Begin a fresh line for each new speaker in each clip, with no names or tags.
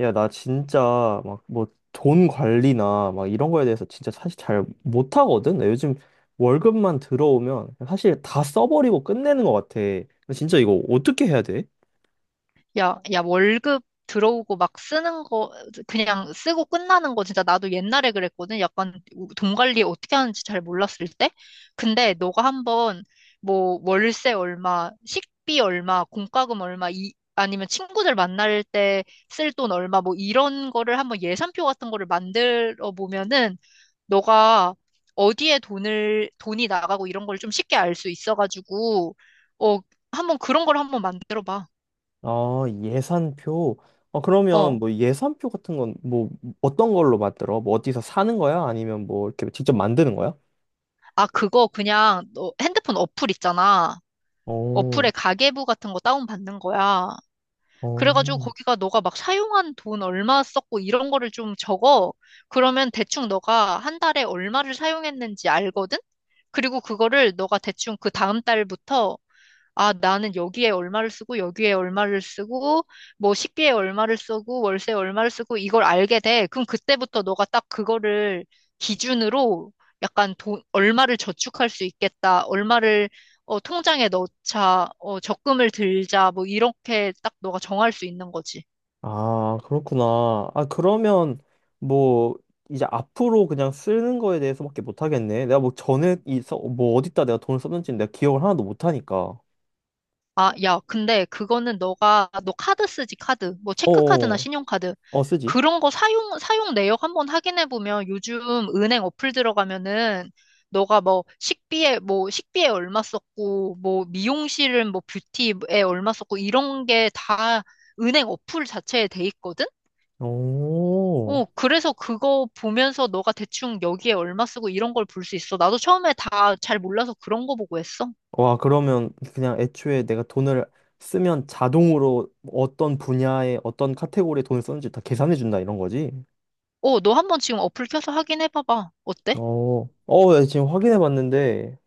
야, 나 진짜 막 뭐 돈 관리나 막 이런 거에 대해서 진짜 사실 잘 못하거든. 나 요즘 월급만 들어오면 사실 다 써버리고 끝내는 것 같아. 나 진짜 이거 어떻게 해야 돼?
야, 야, 월급 들어오고 막 쓰는 거, 그냥 쓰고 끝나는 거 진짜 나도 옛날에 그랬거든. 약간 돈 관리 어떻게 하는지 잘 몰랐을 때. 근데 너가 한번 뭐 월세 얼마, 식비 얼마, 공과금 얼마, 이, 아니면 친구들 만날 때 쓸 돈 얼마, 뭐 이런 거를 한번 예산표 같은 거를 만들어 보면은 너가 어디에 돈이 나가고 이런 걸 좀 쉽게 알 수 있어가지고, 어, 한번 그런 걸 한번 만들어 봐.
아, 예산표. 아, 그러면
어.
뭐 예산표 같은 건 뭐 어떤 걸로 만들어? 뭐 어디서 사는 거야? 아니면 뭐 이렇게 직접 만드는 거야?
아, 그거 그냥 너 핸드폰 어플 있잖아.
오,
어플에 가계부 같은 거 다운받는 거야. 그래가지고
오.
거기가 너가 막 사용한 돈 얼마 썼고 이런 거를 좀 적어. 그러면 대충 너가 한 달에 얼마를 사용했는지 알거든? 그리고 그거를 너가 대충 그 다음 달부터 아, 나는 여기에 얼마를 쓰고, 여기에 얼마를 쓰고, 뭐 식비에 얼마를 쓰고, 월세에 얼마를 쓰고, 이걸 알게 돼. 그럼 그때부터 너가 딱 그거를 기준으로 약간 돈, 얼마를 저축할 수 있겠다, 얼마를 어, 통장에 넣자, 어, 적금을 들자, 뭐 이렇게 딱 너가 정할 수 있는 거지.
아, 그렇구나. 아, 그러면 뭐 이제 앞으로 그냥 쓰는 거에 대해서밖에 못 하겠네. 내가 뭐 전에 있어 뭐 어디다 내가 돈을 썼는지 내가 기억을 하나도 못 하니까.
아, 야, 근데 그거는 너 카드 쓰지, 카드. 뭐, 체크카드나
어어.
신용카드.
어, 쓰지.
그런 거 사용 내역 한번 확인해보면 요즘 은행 어플 들어가면은 너가 뭐 식비에 얼마 썼고, 뭐 미용실은 뭐 뷰티에 얼마 썼고, 이런 게 다 은행 어플 자체에 돼 있거든?
오.
어, 그래서 그거 보면서 너가 대충 여기에 얼마 쓰고 이런 걸 볼 수 있어. 나도 처음에 다 잘 몰라서 그런 거 보고 했어.
와, 그러면 그냥 애초에 내가 돈을 쓰면 자동으로 어떤 분야에 어떤 카테고리에 돈을 썼는지 다 계산해 준다 이런 거지.
어, 너 한번 지금 어플 켜서 확인해봐봐. 어때?
어. 어, 야, 지금 확인해 봤는데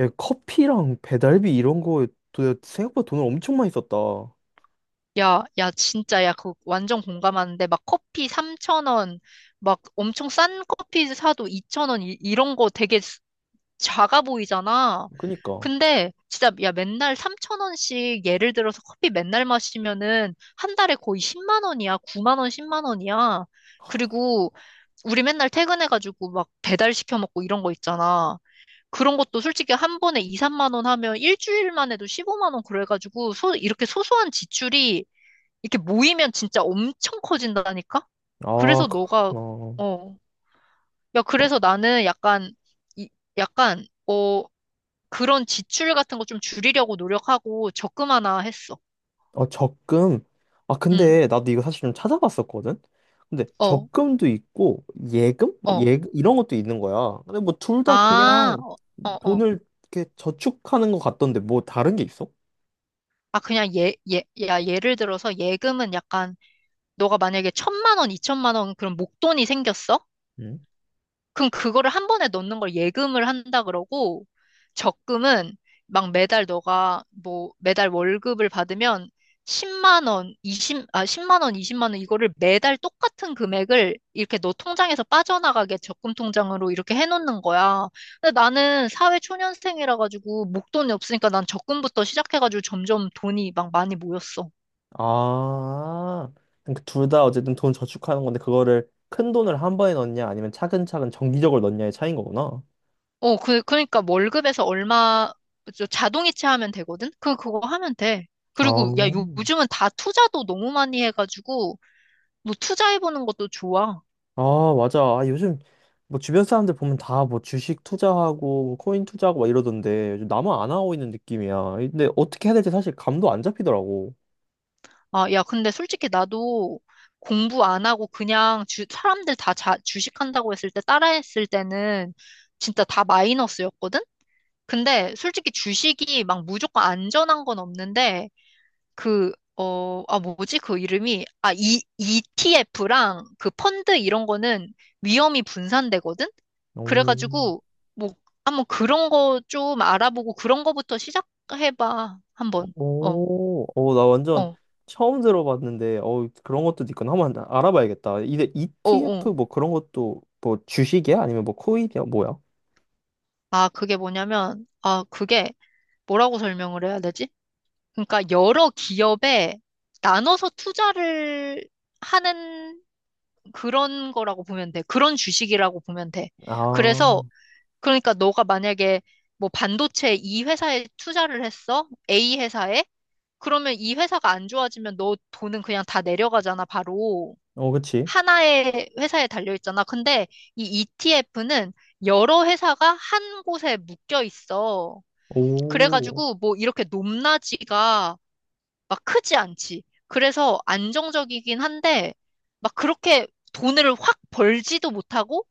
야, 커피랑 배달비 이런 거에 생각보다 돈을 엄청 많이 썼다.
야, 야, 진짜, 야, 그 완전 공감하는데, 막 커피 3천원 막 엄청 싼 커피 사도 2천원 이런 거 되게 작아 보이잖아.
그니까.
근데, 진짜, 야, 맨날 3천원씩 예를 들어서 커피 맨날 마시면은, 한 달에 거의 10만 원이야. 9만 원, 10만 원이야. 그리고, 우리 맨날 퇴근해가지고, 막 배달 시켜 먹고 이런 거 있잖아. 그런 것도 솔직히 한 번에 2, 3만 원 하면 일주일만 해도 15만 원 그래가지고, 이렇게 소소한 지출이 이렇게 모이면 진짜 엄청 커진다니까?
아,
그래서
그렇구나.
너가,
어,
어, 야,
어,
그래서 나는 약간, 이, 약간, 어, 그런 지출 같은 거 좀 줄이려고 노력하고 적금 하나 했어.
어, 적금. 아,
응,
근데 나도 이거 사실 좀 찾아봤었거든? 근데
어,
적금도 있고, 예금? 뭐
어.
예, 이런 것도 있는 거야. 근데 뭐 둘 다
아,
그냥
어, 어. 어.
돈을 이렇게 저축하는 것 같던데 뭐 다른 게 있어?
아, 그냥 예, 예, 야, 예를 들어서 예금은 약간, 너가 만약에 1,000만 원, 2,000만 원 그런 목돈이 생겼어?
응?
그럼 그거를 한 번에 넣는 걸 예금을 한다 그러고, 적금은 막 매달 너가 뭐 매달 월급을 받으면 10만 원, 20, 아, 10만 원, 20만 원 이거를 매달 똑같은 금액을 이렇게 너 통장에서 빠져나가게 적금 통장으로 이렇게 해놓는 거야. 근데 나는 사회 초년생이라 가지고 목돈이 없으니까 난 적금부터 시작해가지고 점점 돈이 막 많이 모였어.
아, 그러니까 둘다 어쨌든 돈 저축하는 건데 그거를 큰 돈을 한 번에 넣냐 아니면 차근차근 정기적으로 넣냐의 차이인 거구나.
어, 그러니까 뭐 월급에서 얼마 저 자동이체 하면 되거든? 그거 하면 돼. 그리고 야, 요-
아.
요즘은 다 투자도 너무 많이 해가지고 너 투자해보는 것도 좋아.
아, 맞아. 아, 요즘 뭐 주변 사람들 보면 다 뭐 주식 투자하고 뭐 코인 투자하고 막 이러던데 요즘 나만 안 하고 있는 느낌이야. 근데 어떻게 해야 될지 사실 감도 안 잡히더라고.
아, 야, 근데 솔직히 나도 공부 안 하고 그냥 사람들 다 주식한다고 했을 때 따라했을 때는 진짜 다 마이너스였거든? 근데 솔직히 주식이 막 무조건 안전한 건 없는데 그, 어, 아, 뭐지? 그 이름이, 아, 이, ETF랑 그 펀드 이런 거는 위험이 분산되거든?
오,
그래가지고, 뭐, 한번 그런 거 좀 알아보고 그런 거부터 시작해봐. 한번. 어,
오, 오, 나 완전
어,
처음 들어봤는데 어 그런 것도 있구나. 한번 알아봐야겠다. 이게
어,
ETF
어.
뭐 그런 것도 뭐 주식이야? 아니면 뭐 코인이야? 뭐야?
아, 그게 뭐냐면, 아, 그게 뭐라고 설명을 해야 되지? 그러니까 여러 기업에 나눠서 투자를 하는 그런 거라고 보면 돼. 그런 주식이라고 보면 돼.
아,
그래서, 그러니까 너가 만약에 뭐 반도체 이 회사에 투자를 했어? A 회사에? 그러면 이 회사가 안 좋아지면 너 돈은 그냥 다 내려가잖아, 바로.
어, 그치.
하나의 회사에 달려 있잖아. 근데 이 ETF는 여러 회사가 한 곳에 묶여 있어.
오,
그래가지고 뭐 이렇게 높낮이가 막 크지 않지. 그래서 안정적이긴 한데 막 그렇게 돈을 확 벌지도 못하고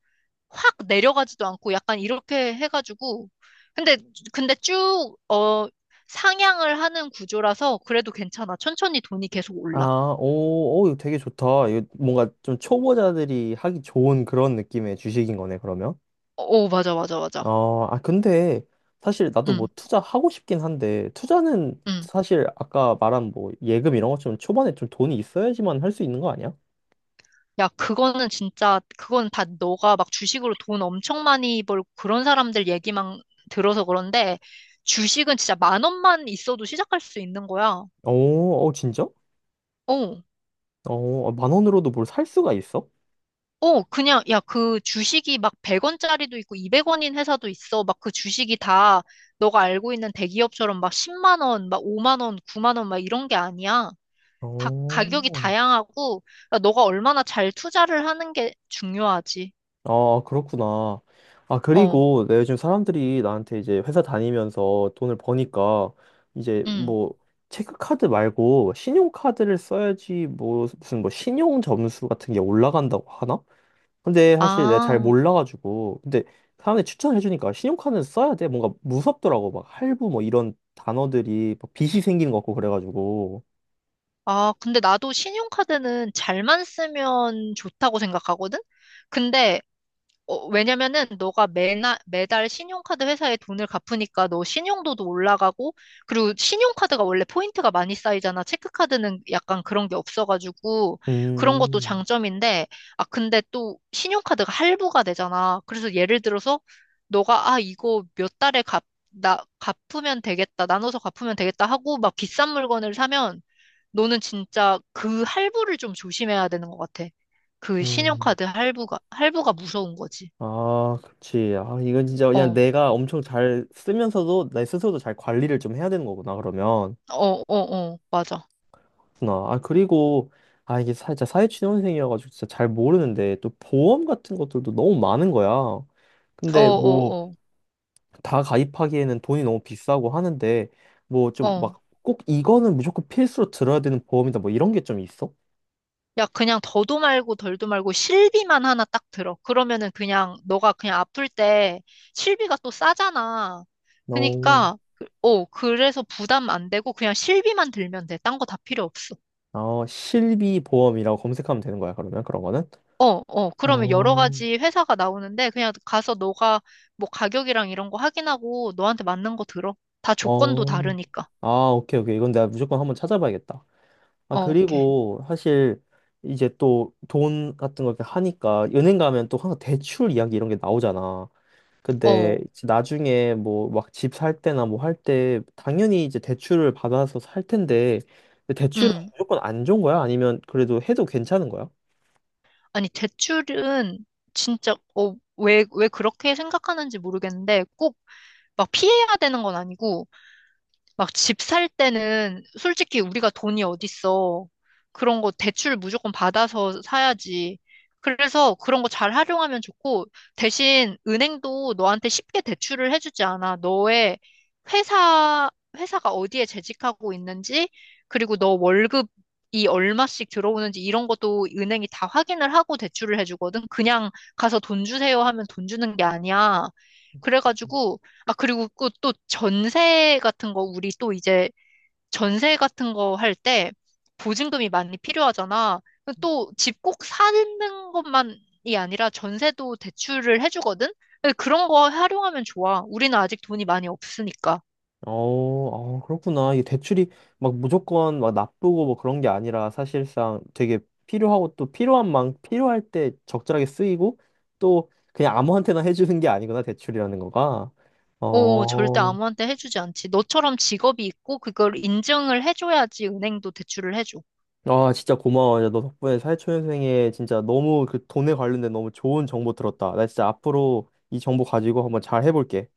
확 내려가지도 않고 약간 이렇게 해가지고 근데 근데 쭉 어 상향을 하는 구조라서 그래도 괜찮아. 천천히 돈이 계속 올라.
아, 오, 오, 이거 되게 좋다. 이거 뭔가 좀 초보자들이 하기 좋은 그런 느낌의 주식인 거네, 그러면.
오, 맞아, 맞아, 맞아.
어, 아, 근데 사실 나도 뭐
응,
투자하고 싶긴 한데, 투자는
응.
사실 아까 말한 뭐 예금 이런 것처럼 초반에 좀 돈이 있어야지만 할 수 있는 거 아니야?
야, 그거는 진짜, 그건 다 너가 막 주식으로 돈 엄청 많이 벌고 그런 사람들 얘기만 들어서 그런데 주식은 진짜 1만 원만 있어도 시작할 수 있는 거야.
오, 어, 진짜?
어.
어, 아, 만 원으로도 뭘 살 수가 있어?
어, 그냥, 야, 그 주식이 막 100원짜리도 있고 200원인 회사도 있어. 막 그 주식이 다 너가 알고 있는 대기업처럼 막 10만 원, 막 5만 원, 9만 원 막 이런 게 아니야. 다
어.
가격이 다양하고, 그러니까 너가 얼마나 잘 투자를 하는 게 중요하지.
아, 그렇구나. 아,
어,
그리고 내 요즘 사람들이 나한테 이제 회사 다니면서 돈을 버니까 이제
응.
뭐 체크카드 말고 신용카드를 써야지 뭐 무슨 뭐 신용 점수 같은 게 올라간다고 하나? 근데 사실 내가 잘
아,
몰라가지고 근데 사람들이 추천해 주니까 신용카드는 써야 돼. 뭔가 무섭더라고. 막 할부 뭐 이런 단어들이 막 빚이 생기는 것 같고 그래가지고.
아, 근데 나도 신용카드는 잘만 쓰면 좋다고 생각하거든? 근데 어, 왜냐면은 너가 매달 신용카드 회사에 돈을 갚으니까 너 신용도도 올라가고, 그리고 신용카드가 원래 포인트가 많이 쌓이잖아. 체크카드는 약간 그런 게 없어가지고, 그런 것도
음,
장점인데, 아, 근데 또 신용카드가 할부가 되잖아. 그래서 예를 들어서 너가, 아, 이거 몇 달에 갚, 나, 갚으면 되겠다. 나눠서 갚으면 되겠다 하고 막 비싼 물건을 사면 너는 진짜 그 할부를 좀 조심해야 되는 것 같아. 그
음.
신용카드 할부가 무서운 거지.
아, 그치. 아, 이건 진짜
어,
그냥
어,
내가 엄청 잘 쓰면서도 내 스스로도 잘 관리를 좀 해야 되는 거구나, 그러면.
어, 어, 맞아.
그렇구나. 아, 그리고, 아, 이게 사, 진짜 사회초년생이어가지고 진짜 잘 모르는데, 또 보험 같은 것들도 너무 많은 거야.
어,
근데 뭐,
어,
다 가입하기에는 돈이 너무 비싸고 하는데, 뭐
어,
좀
어.
막 꼭 이거는 무조건 필수로 들어야 되는 보험이다, 뭐 이런 게 좀 있어?
야, 그냥 더도 말고 덜도 말고 실비만 하나 딱 들어. 그러면은 그냥 너가 그냥 아플 때 실비가 또 싸잖아.
어,
그러니까, 어, 그래서 부담 안 되고 그냥 실비만 들면 돼. 딴 거 다 필요 없어.
어, 실비 보험이라고 검색하면 되는 거야, 그러면 그런 거는?
어, 어, 그러면 여러
어.
가지 회사가 나오는데 그냥 가서 너가 뭐 가격이랑 이런 거 확인하고 너한테 맞는 거 들어. 다 조건도
어,
다르니까.
아, 오케이, 오케이. 이건 내가 무조건 한번 찾아봐야겠다. 아,
어, 오케이.
그리고 사실 이제 또 돈 같은 거 이렇게 하니까 은행 가면 또 항상 대출 이야기 이런 게 나오잖아. 근데
어,
이제 나중에 뭐 막 집 살 때나 뭐 할 때 당연히 이제 대출을 받아서 살 텐데 근데 대출은
응.
무조건 안 좋은 거야? 아니면 그래도 해도 괜찮은 거야?
아니, 대출은 진짜, 어, 왜 그렇게 생각하는지 모르겠는데, 꼭 막 피해야 되는 건 아니고, 막 집 살 때는 솔직히 우리가 돈이 어딨어. 그런 거 대출 무조건 받아서 사야지. 그래서 그런 거 잘 활용하면 좋고, 대신 은행도 너한테 쉽게 대출을 해주지 않아. 너의 회사, 회사가 어디에 재직하고 있는지, 그리고 너 월급이 얼마씩 들어오는지 이런 것도 은행이 다 확인을 하고 대출을 해주거든. 그냥 가서 돈 주세요 하면 돈 주는 게 아니야. 그래가지고, 아, 그리고 그 또 전세 같은 거, 우리 또 이제 전세 같은 거 할 때 보증금이 많이 필요하잖아. 또 집 꼭 사는 것만이 아니라 전세도 대출을 해주거든? 근데 그런 거 활용하면 좋아. 우리는 아직 돈이 많이 없으니까.
어, 아, 그렇구나. 이게 대출이 막 무조건 막 나쁘고 뭐 그런 게 아니라 사실상 되게 필요하고 또 필요한 만 필요할 때 적절하게 쓰이고 또 그냥 아무한테나 해주는 게 아니구나, 대출이라는 거가.
오, 절대
어,
아무한테 해주지 않지. 너처럼 직업이 있고 그걸 인증을 해줘야지 은행도 대출을 해줘.
아, 진짜 고마워. 야, 너 덕분에 사회초년생에 진짜 너무 그 돈에 관련된 너무 좋은 정보 들었다. 나 진짜 앞으로 이 정보 가지고 한번 잘 해볼게.